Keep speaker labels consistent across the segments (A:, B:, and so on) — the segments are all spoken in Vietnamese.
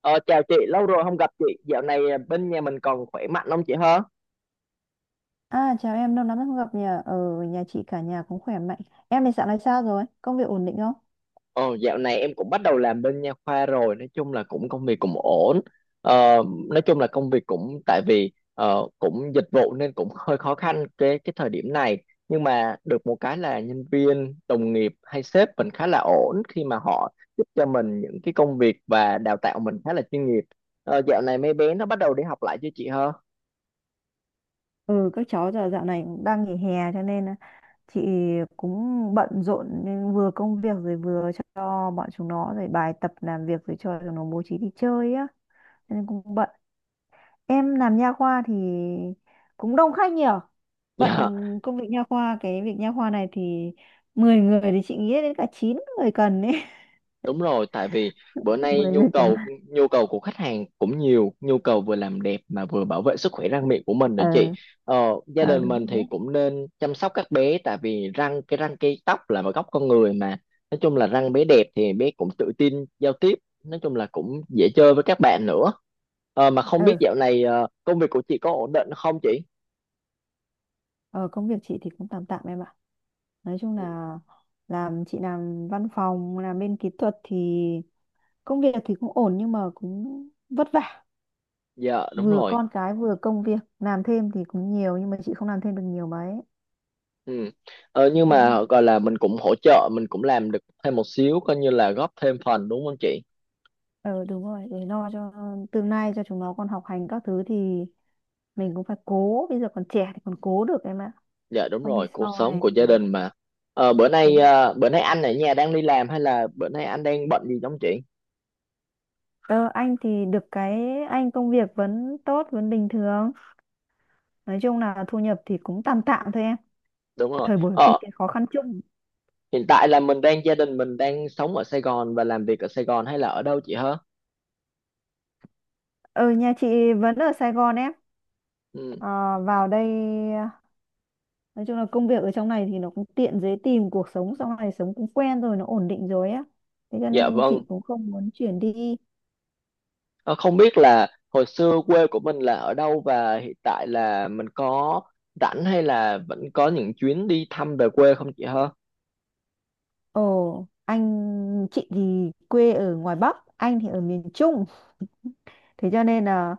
A: Ờ, Chào chị, lâu rồi không gặp chị. Dạo này bên nhà mình còn khỏe mạnh không chị hả?
B: À, chào em, lâu lắm rồi không gặp nhỉ? Ở nhà chị cả nhà cũng khỏe mạnh. Em thì dạo này sao rồi? Công việc ổn định không?
A: Ờ, Dạo này em cũng bắt đầu làm bên nha khoa rồi. Nói chung là cũng công việc cũng ổn. Ờ, nói chung là công việc cũng tại vì cũng dịch vụ nên cũng hơi khó khăn cái thời điểm này. Nhưng mà được một cái là nhân viên, đồng nghiệp hay sếp mình khá là ổn khi mà họ giúp cho mình những cái công việc và đào tạo mình khá là chuyên nghiệp. Dạo này mấy bé nó bắt đầu đi học lại chưa chị hả?
B: Ừ, các cháu giờ dạo này cũng đang nghỉ hè cho nên là chị cũng bận rộn nên vừa công việc rồi vừa cho bọn chúng nó rồi bài tập làm việc rồi cho chúng nó bố trí đi chơi á. Cho nên cũng bận. Em làm nha khoa thì cũng đông khách nhỉ? Bận
A: Dạ.
B: công việc nha khoa, cái việc nha khoa này thì 10 người thì chị nghĩ đến cả 9 người cần ấy.
A: Đúng rồi, tại vì bữa nay
B: mười
A: nhu
B: người cần.
A: cầu nhu cầu của khách hàng cũng nhiều, nhu cầu vừa làm đẹp mà vừa bảo vệ sức khỏe răng miệng của mình nữa
B: Ờ,
A: chị. Ờ, Gia
B: ờ
A: đình
B: Đúng
A: mình thì
B: rồi.
A: cũng nên chăm sóc các bé tại vì răng cái tóc là một góc con người mà. Nói chung là răng bé đẹp thì bé cũng tự tin giao tiếp, nói chung là cũng dễ chơi với các bạn nữa. Mà không biết
B: Ừ.
A: dạo này công việc của chị có ổn định không chị?
B: Ờ, Công việc chị thì cũng tạm tạm em ạ. Nói chung
A: Ừ,
B: là chị làm văn phòng, làm bên kỹ thuật thì công việc thì cũng ổn nhưng mà cũng vất vả.
A: dạ đúng
B: Vừa
A: rồi.
B: con cái vừa công việc, làm thêm thì cũng nhiều nhưng mà chị không làm thêm được nhiều mấy.
A: Ừ. Nhưng
B: Con
A: mà gọi là mình cũng hỗ trợ mình cũng làm được thêm một xíu coi như là góp thêm phần đúng không chị?
B: ờ Đúng rồi, để lo cho tương lai cho chúng nó còn học hành các thứ thì mình cũng phải cố, bây giờ còn trẻ thì còn cố được em ạ.
A: Dạ đúng
B: Không thì
A: rồi, cuộc
B: sau
A: sống
B: này
A: của gia đình mà.
B: đúng.
A: Bữa nay anh ở nhà đang đi làm hay là bữa nay anh đang bận gì không chị?
B: Ờ, anh thì được cái anh công việc vẫn tốt, vẫn bình thường. Nói chung là thu nhập thì cũng tạm tạm thôi em.
A: Đúng rồi.
B: Thời buổi kinh
A: Ờ,
B: tế khó khăn chung.
A: Hiện tại là mình đang gia đình mình đang sống ở Sài Gòn và làm việc ở Sài Gòn hay là ở đâu chị hả?
B: Ừ, nhà chị vẫn ở Sài Gòn em.
A: Ừ.
B: Ờ, Vào đây nói chung là công việc ở trong này thì nó cũng tiện, dễ tìm, cuộc sống sau này sống cũng quen rồi, nó ổn định rồi á, thế cho
A: Dạ
B: nên chị
A: vâng.
B: cũng không muốn chuyển đi.
A: Ờ, Không biết là hồi xưa quê của mình là ở đâu và hiện tại là mình có rảnh hay là vẫn có những chuyến đi thăm về quê không chị hả?
B: Anh chị thì quê ở ngoài Bắc, anh thì ở miền Trung. Thế cho nên là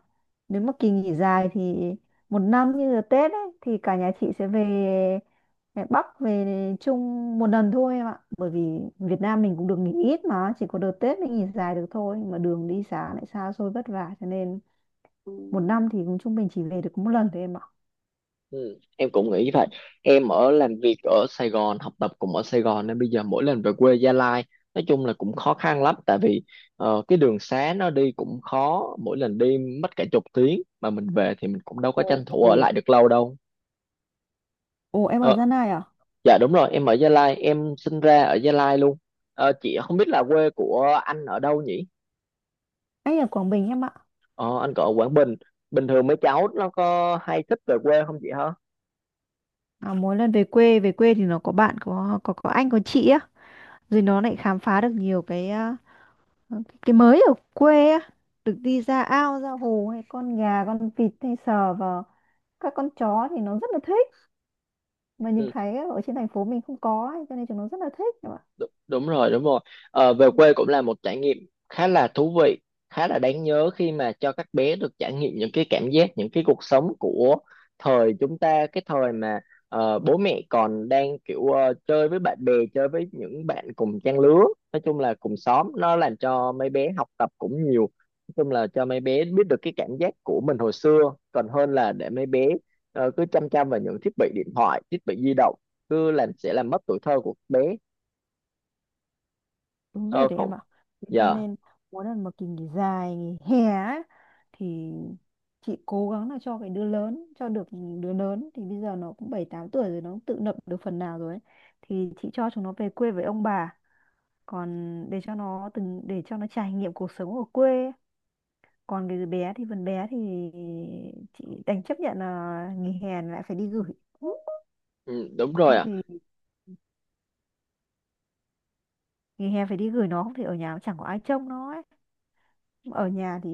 B: nếu mà kỳ nghỉ dài thì một năm như là Tết ấy, thì cả nhà chị sẽ về Bắc về Trung một lần thôi em ạ. Bởi vì Việt Nam mình cũng được nghỉ ít mà chỉ có đợt Tết mới nghỉ dài được thôi. Mà đường đi xa lại xa xôi vất vả cho nên một năm thì cũng trung bình chỉ về được có một lần thôi em ạ.
A: Ừ, em cũng nghĩ vậy. Em ở làm việc ở Sài Gòn, học tập cũng ở Sài Gòn nên bây giờ mỗi lần về quê Gia Lai nói chung là cũng khó khăn lắm, tại vì cái đường xá nó đi cũng khó, mỗi lần đi mất cả chục tiếng mà mình về thì mình cũng đâu có
B: Ồ,
A: tranh thủ ở
B: ồ,
A: lại được lâu đâu.
B: ồ, em ở
A: Ờ,
B: Gia Lai à?
A: dạ đúng rồi, em ở Gia Lai, em sinh ra ở Gia Lai luôn. Chị không biết là quê của anh ở đâu nhỉ.
B: Anh ở Quảng Bình em ạ.
A: Ờ, anh còn ở Quảng Bình, bình thường mấy cháu nó có hay thích về quê không chị hả?
B: À, mỗi lần về quê thì nó có bạn, có anh có chị á, rồi nó lại khám phá được nhiều cái mới ở quê á, được đi ra ao, ra hồ hay con gà, con vịt hay sờ vào các con chó thì nó rất là thích. Mà nhìn
A: Ừ.
B: thấy ở trên thành phố mình không có ấy, cho nên chúng nó rất là thích em ạ.
A: Đúng rồi, đúng rồi. Về quê cũng là một trải nghiệm khá là thú vị, khá là đáng nhớ khi mà cho các bé được trải nghiệm những cái cảm giác, những cái cuộc sống của thời chúng ta, cái thời mà bố mẹ còn đang kiểu chơi với bạn bè, chơi với những bạn cùng trang lứa, nói chung là cùng xóm, nó làm cho mấy bé học tập cũng nhiều, nói chung là cho mấy bé biết được cái cảm giác của mình hồi xưa, còn hơn là để mấy bé cứ chăm chăm vào những thiết bị điện thoại, thiết bị di động, cứ làm sẽ làm mất tuổi thơ của bé.
B: Đúng
A: Ờ,
B: rồi đấy
A: Không.
B: em ạ. Thế cho
A: Dạ,
B: nên mỗi lần mà kỳ nghỉ dài, nghỉ hè á, thì chị cố gắng là cho cái đứa lớn, cho được đứa lớn thì bây giờ nó cũng 7 8 tuổi rồi, nó cũng tự lập được phần nào rồi ấy. Thì chị cho chúng nó về quê với ông bà. Còn để cho nó trải nghiệm cuộc sống ở quê, còn cái bé thì phần bé thì chị đành chấp nhận là nghỉ hè lại phải đi gửi,
A: ừ, đúng rồi
B: không
A: ạ.
B: thì nghỉ hè phải đi gửi nó, không thì ở nhà chẳng có ai trông nó ấy. Ở nhà thì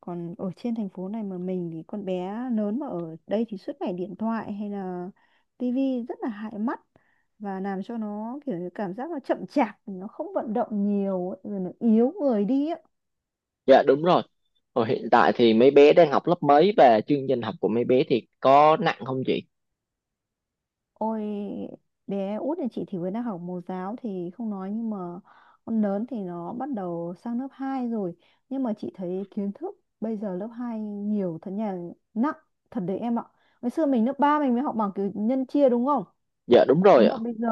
B: Còn ở trên thành phố này mà mình thì con bé lớn mà ở đây thì suốt ngày điện thoại hay là tivi rất là hại mắt, và làm cho nó kiểu như cảm giác là chậm chạp, nó không vận động nhiều ấy, rồi nó yếu người đi ấy.
A: Dạ, đúng rồi. Rồi hiện tại thì mấy bé đang học lớp mấy và chương trình học của mấy bé thì có nặng không chị?
B: Ôi, bé út nhà chị thì mới đang học mẫu giáo thì không nói, nhưng mà con lớn thì nó bắt đầu sang lớp 2 rồi, nhưng mà chị thấy kiến thức bây giờ lớp 2 nhiều thật, nhà nặng thật đấy em ạ. Ngày xưa mình lớp 3 mình mới học bằng kiểu nhân chia, đúng không?
A: Dạ, đúng
B: Thế
A: rồi ạ.
B: mà bây giờ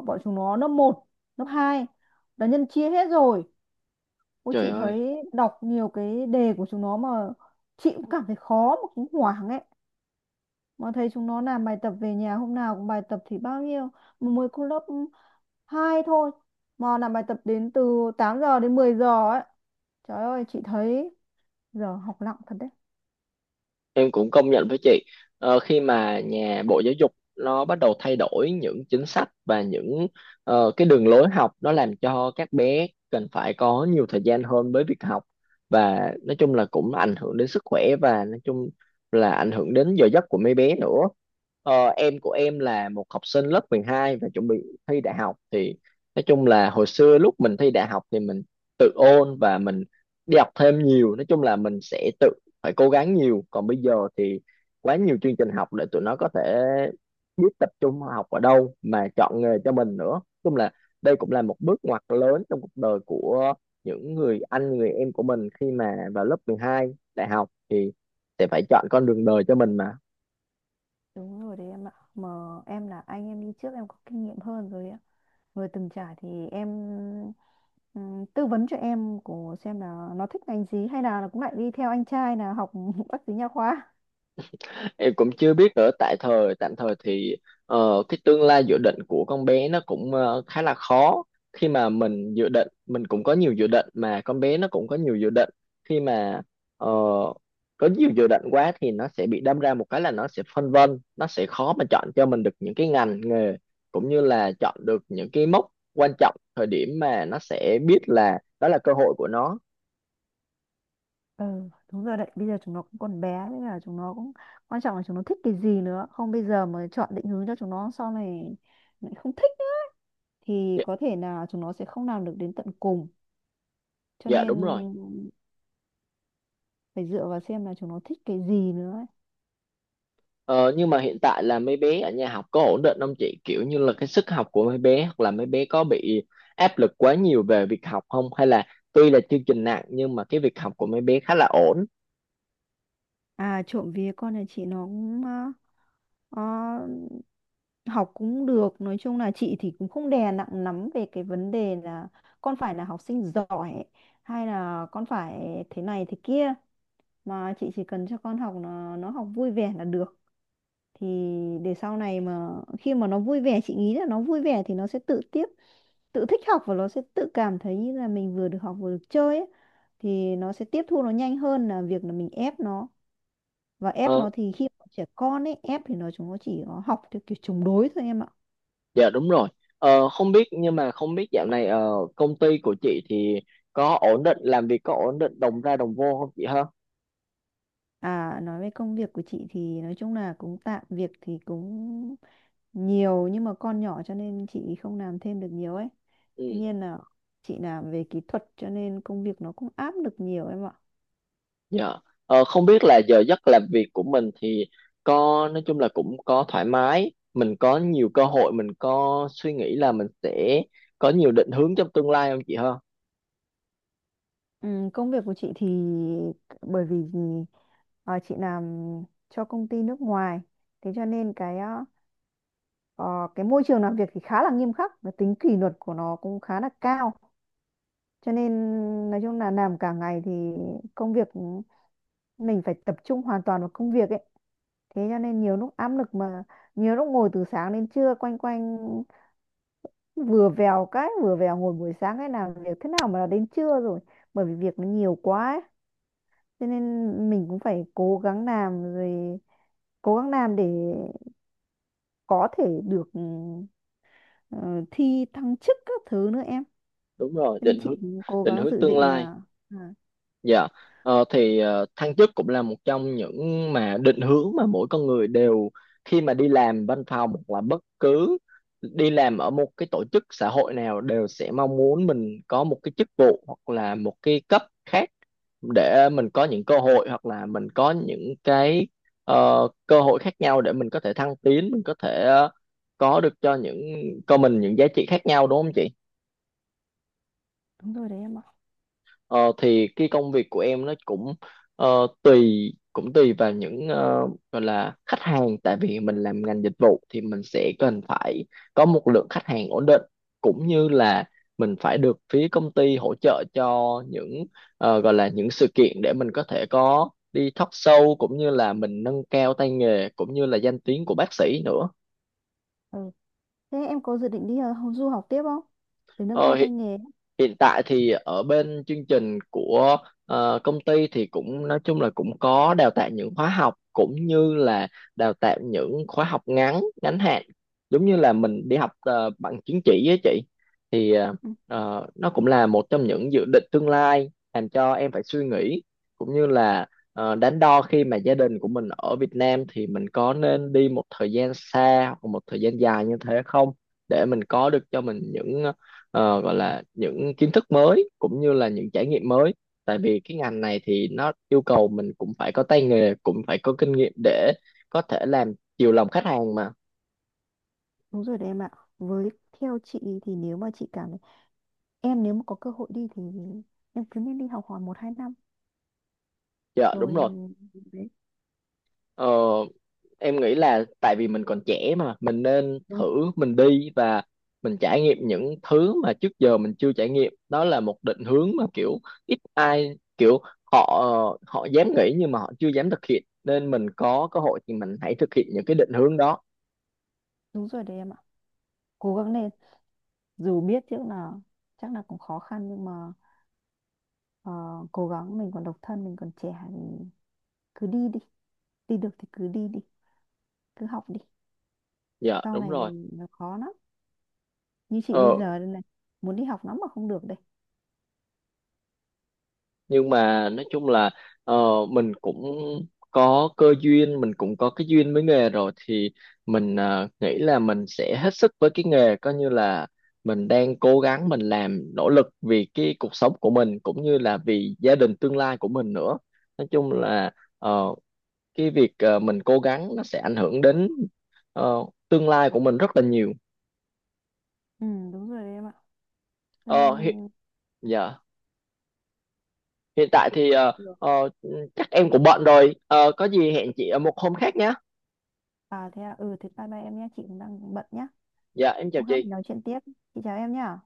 B: bọn chúng nó lớp 1, lớp 2 là nhân chia hết rồi. Ôi,
A: Trời
B: chị
A: ơi,
B: thấy đọc nhiều cái đề của chúng nó mà chị cũng cảm thấy khó mà cũng hoảng ấy, mà thấy chúng nó làm bài tập về nhà, hôm nào cũng bài tập thì bao nhiêu, mà mới cô lớp 2 thôi mà làm bài tập đến từ 8 giờ đến 10 giờ ấy. Trời ơi, chị thấy giờ học nặng thật đấy.
A: em cũng công nhận với chị. Khi mà nhà Bộ Giáo dục nó bắt đầu thay đổi những chính sách và những cái đường lối học, nó làm cho các bé cần phải có nhiều thời gian hơn với việc học và nói chung là cũng ảnh hưởng đến sức khỏe và nói chung là ảnh hưởng đến giờ giấc của mấy bé nữa. Em của em là một học sinh lớp 12 và chuẩn bị thi đại học thì nói chung là hồi xưa lúc mình thi đại học thì mình tự ôn và mình đi học thêm nhiều, nói chung là mình sẽ tự phải cố gắng nhiều, còn bây giờ thì quá nhiều chương trình học để tụi nó có thể biết tập trung học ở đâu mà chọn nghề cho mình nữa. Nói chung là đây cũng là một bước ngoặt lớn trong cuộc đời của những người anh người em của mình khi mà vào lớp 12 đại học thì sẽ phải chọn con đường đời cho mình mà.
B: Đúng rồi đấy em ạ. Mà em là anh em đi trước em có kinh nghiệm hơn rồi ạ. Người từng trải thì em tư vấn cho em của xem là nó thích ngành gì, hay là nó cũng lại đi theo anh trai là học bác sĩ nha khoa.
A: Em cũng chưa biết nữa, tại thời tạm thời thì cái tương lai dự định của con bé nó cũng khá là khó, khi mà mình dự định, mình cũng có nhiều dự định mà con bé nó cũng có nhiều dự định. Khi mà ờ, có nhiều dự định quá thì nó sẽ bị đâm ra một cái là nó sẽ phân vân, nó sẽ khó mà chọn cho mình được những cái ngành nghề cũng như là chọn được những cái mốc quan trọng, thời điểm mà nó sẽ biết là đó là cơ hội của nó.
B: Ừ, đúng rồi đấy. Bây giờ chúng nó cũng còn bé nên là chúng nó cũng quan trọng là chúng nó thích cái gì nữa. Không, bây giờ mà chọn định hướng cho chúng nó sau này lại không thích ấy, thì
A: Dạ,
B: có thể là chúng nó sẽ không làm được đến tận cùng. Cho
A: dạ
B: nên
A: đúng rồi.
B: phải dựa vào xem là chúng nó thích cái gì nữa ấy.
A: Ờ, nhưng mà hiện tại là mấy bé ở nhà học có ổn định không chị? Kiểu như là cái sức học của mấy bé hoặc là mấy bé có bị áp lực quá nhiều về việc học không? Hay là tuy là chương trình nặng nhưng mà cái việc học của mấy bé khá là ổn?
B: À, trộm vía con nhà chị nó cũng ờ, học cũng được. Nói chung là chị thì cũng không đè nặng lắm về cái vấn đề là con phải là học sinh giỏi, hay là con phải thế này thế kia, mà chị chỉ cần cho con học, nó học vui vẻ là được, thì để sau này mà khi mà nó vui vẻ, chị nghĩ là nó vui vẻ thì nó sẽ tự thích học và nó sẽ tự cảm thấy như là mình vừa được học vừa được chơi ấy, thì nó sẽ tiếp thu nó nhanh hơn là việc là mình ép nó, và ép
A: Ờ,
B: nó thì khi mà trẻ con ấy, ép thì chúng nó chỉ có học theo kiểu chống đối thôi em ạ.
A: dạ đúng rồi. Không biết dạo này công ty của chị thì có ổn định, làm việc có ổn định đồng ra đồng vô không chị ha?
B: À, nói về công việc của chị thì nói chung là cũng tạm, việc thì cũng nhiều nhưng mà con nhỏ cho nên chị không làm thêm được nhiều ấy. Tuy
A: Ừ.
B: nhiên là chị làm về kỹ thuật cho nên công việc nó cũng áp lực nhiều em ạ.
A: Dạ. Không biết là giờ giấc làm việc của mình thì có nói chung là cũng có thoải mái, mình có nhiều cơ hội, mình có suy nghĩ là mình sẽ có nhiều định hướng trong tương lai không chị ha?
B: Ừ, công việc của chị thì bởi vì chị làm cho công ty nước ngoài, thế cho nên cái ờ, cái môi trường làm việc thì khá là nghiêm khắc và tính kỷ luật của nó cũng khá là cao, cho nên nói chung là làm cả ngày thì công việc mình phải tập trung hoàn toàn vào công việc ấy, thế cho nên nhiều lúc áp lực mà. Nhiều lúc ngồi từ sáng đến trưa quanh quanh, vừa vèo cái vừa vèo, ngồi buổi sáng cái làm việc thế nào mà là đến trưa rồi, bởi vì việc nó nhiều quá ấy. Cho nên mình cũng phải cố gắng làm rồi, cố gắng làm để có thể được ờ, thi thăng chức các thứ nữa em,
A: Đúng rồi,
B: cho nên
A: định hướng
B: chị cũng cố
A: định
B: gắng
A: hướng
B: dự
A: tương
B: định
A: lai.
B: là à,
A: Dạ, thăng chức cũng là một trong những mà định hướng mà mỗi con người đều khi mà đi làm văn phòng hoặc là bất cứ đi làm ở một cái tổ chức xã hội nào đều sẽ mong muốn mình có một cái chức vụ hoặc là một cái cấp khác để mình có những cơ hội hoặc là mình có những cái cơ hội khác nhau để mình có thể thăng tiến, mình có thể có được cho những cho mình những giá trị khác nhau đúng không chị?
B: đúng rồi đấy em ạ.
A: Ờ, thì cái công việc của em nó cũng tùy cũng tùy vào những gọi là khách hàng, tại vì mình làm ngành dịch vụ thì mình sẽ cần phải có một lượng khách hàng ổn định cũng như là mình phải được phía công ty hỗ trợ cho những gọi là những sự kiện để mình có thể có đi talk show cũng như là mình nâng cao tay nghề cũng như là danh tiếng của bác sĩ nữa.
B: Ừ, thế em có dự định đi du học tiếp không, để nâng
A: Ờ,
B: cao tay nghề?
A: Hiện tại thì ở bên chương trình của công ty thì cũng nói chung là cũng có đào tạo những khóa học cũng như là đào tạo những khóa học ngắn ngắn hạn, giống như là mình đi học bằng chứng chỉ với chị thì
B: Ừ.
A: nó cũng là một trong những dự định tương lai làm cho em phải suy nghĩ cũng như là đắn đo, khi mà gia đình của mình ở Việt Nam thì mình có nên đi một thời gian xa hoặc một thời gian dài như thế không, để mình có được cho mình những gọi là những kiến thức mới cũng như là những trải nghiệm mới, tại vì cái ngành này thì nó yêu cầu mình cũng phải có tay nghề cũng phải có kinh nghiệm để có thể làm chiều lòng khách hàng mà.
B: Đúng rồi đấy em ạ. Với theo chị thì nếu mà chị cảm thấy em, nếu mà có cơ hội đi thì em cứ nên đi học hỏi 1 2 năm
A: Dạ đúng
B: rồi
A: rồi.
B: đấy.
A: ờ, em nghĩ là tại vì mình còn trẻ mà mình nên
B: Đúng,
A: thử, mình đi và mình trải nghiệm những thứ mà trước giờ mình chưa trải nghiệm, đó là một định hướng mà kiểu ít ai kiểu họ họ dám nghĩ nhưng mà họ chưa dám thực hiện, nên mình có cơ hội thì mình hãy thực hiện những cái định hướng đó.
B: đúng rồi đấy em ạ. Cố gắng lên, dù biết trước là chắc là cũng khó khăn, nhưng mà ờ, cố gắng, mình còn độc thân mình còn trẻ thì cứ đi đi, đi được thì cứ đi đi, cứ học đi,
A: Dạ
B: sau
A: đúng
B: này về
A: rồi.
B: nó khó lắm, như chị bây
A: Ờ,
B: giờ đây này, muốn đi học lắm mà không được đây.
A: nhưng mà nói chung là ờ, mình cũng có cơ duyên, mình cũng có cái duyên với nghề rồi thì mình nghĩ là mình sẽ hết sức với cái nghề, coi như là mình đang cố gắng, mình làm nỗ lực vì cái cuộc sống của mình cũng như là vì gia đình tương lai của mình nữa. Nói chung là ờ, cái việc mình cố gắng nó sẽ ảnh hưởng đến ờ, tương lai của mình rất là nhiều.
B: Ừ, đúng rồi đấy em ạ. Cho
A: Ờ, hi-
B: nên
A: dạ hiện tại thì
B: được.
A: ờ, chắc em cũng bận rồi. Ờ, có gì hẹn chị ở một hôm khác nhé.
B: À, thế à, ừ, thế bye bye em nhé, chị cũng đang bận nhá.
A: Dạ em chào
B: Hôm khác mình
A: chị.
B: nói chuyện tiếp. Chị chào em nhá.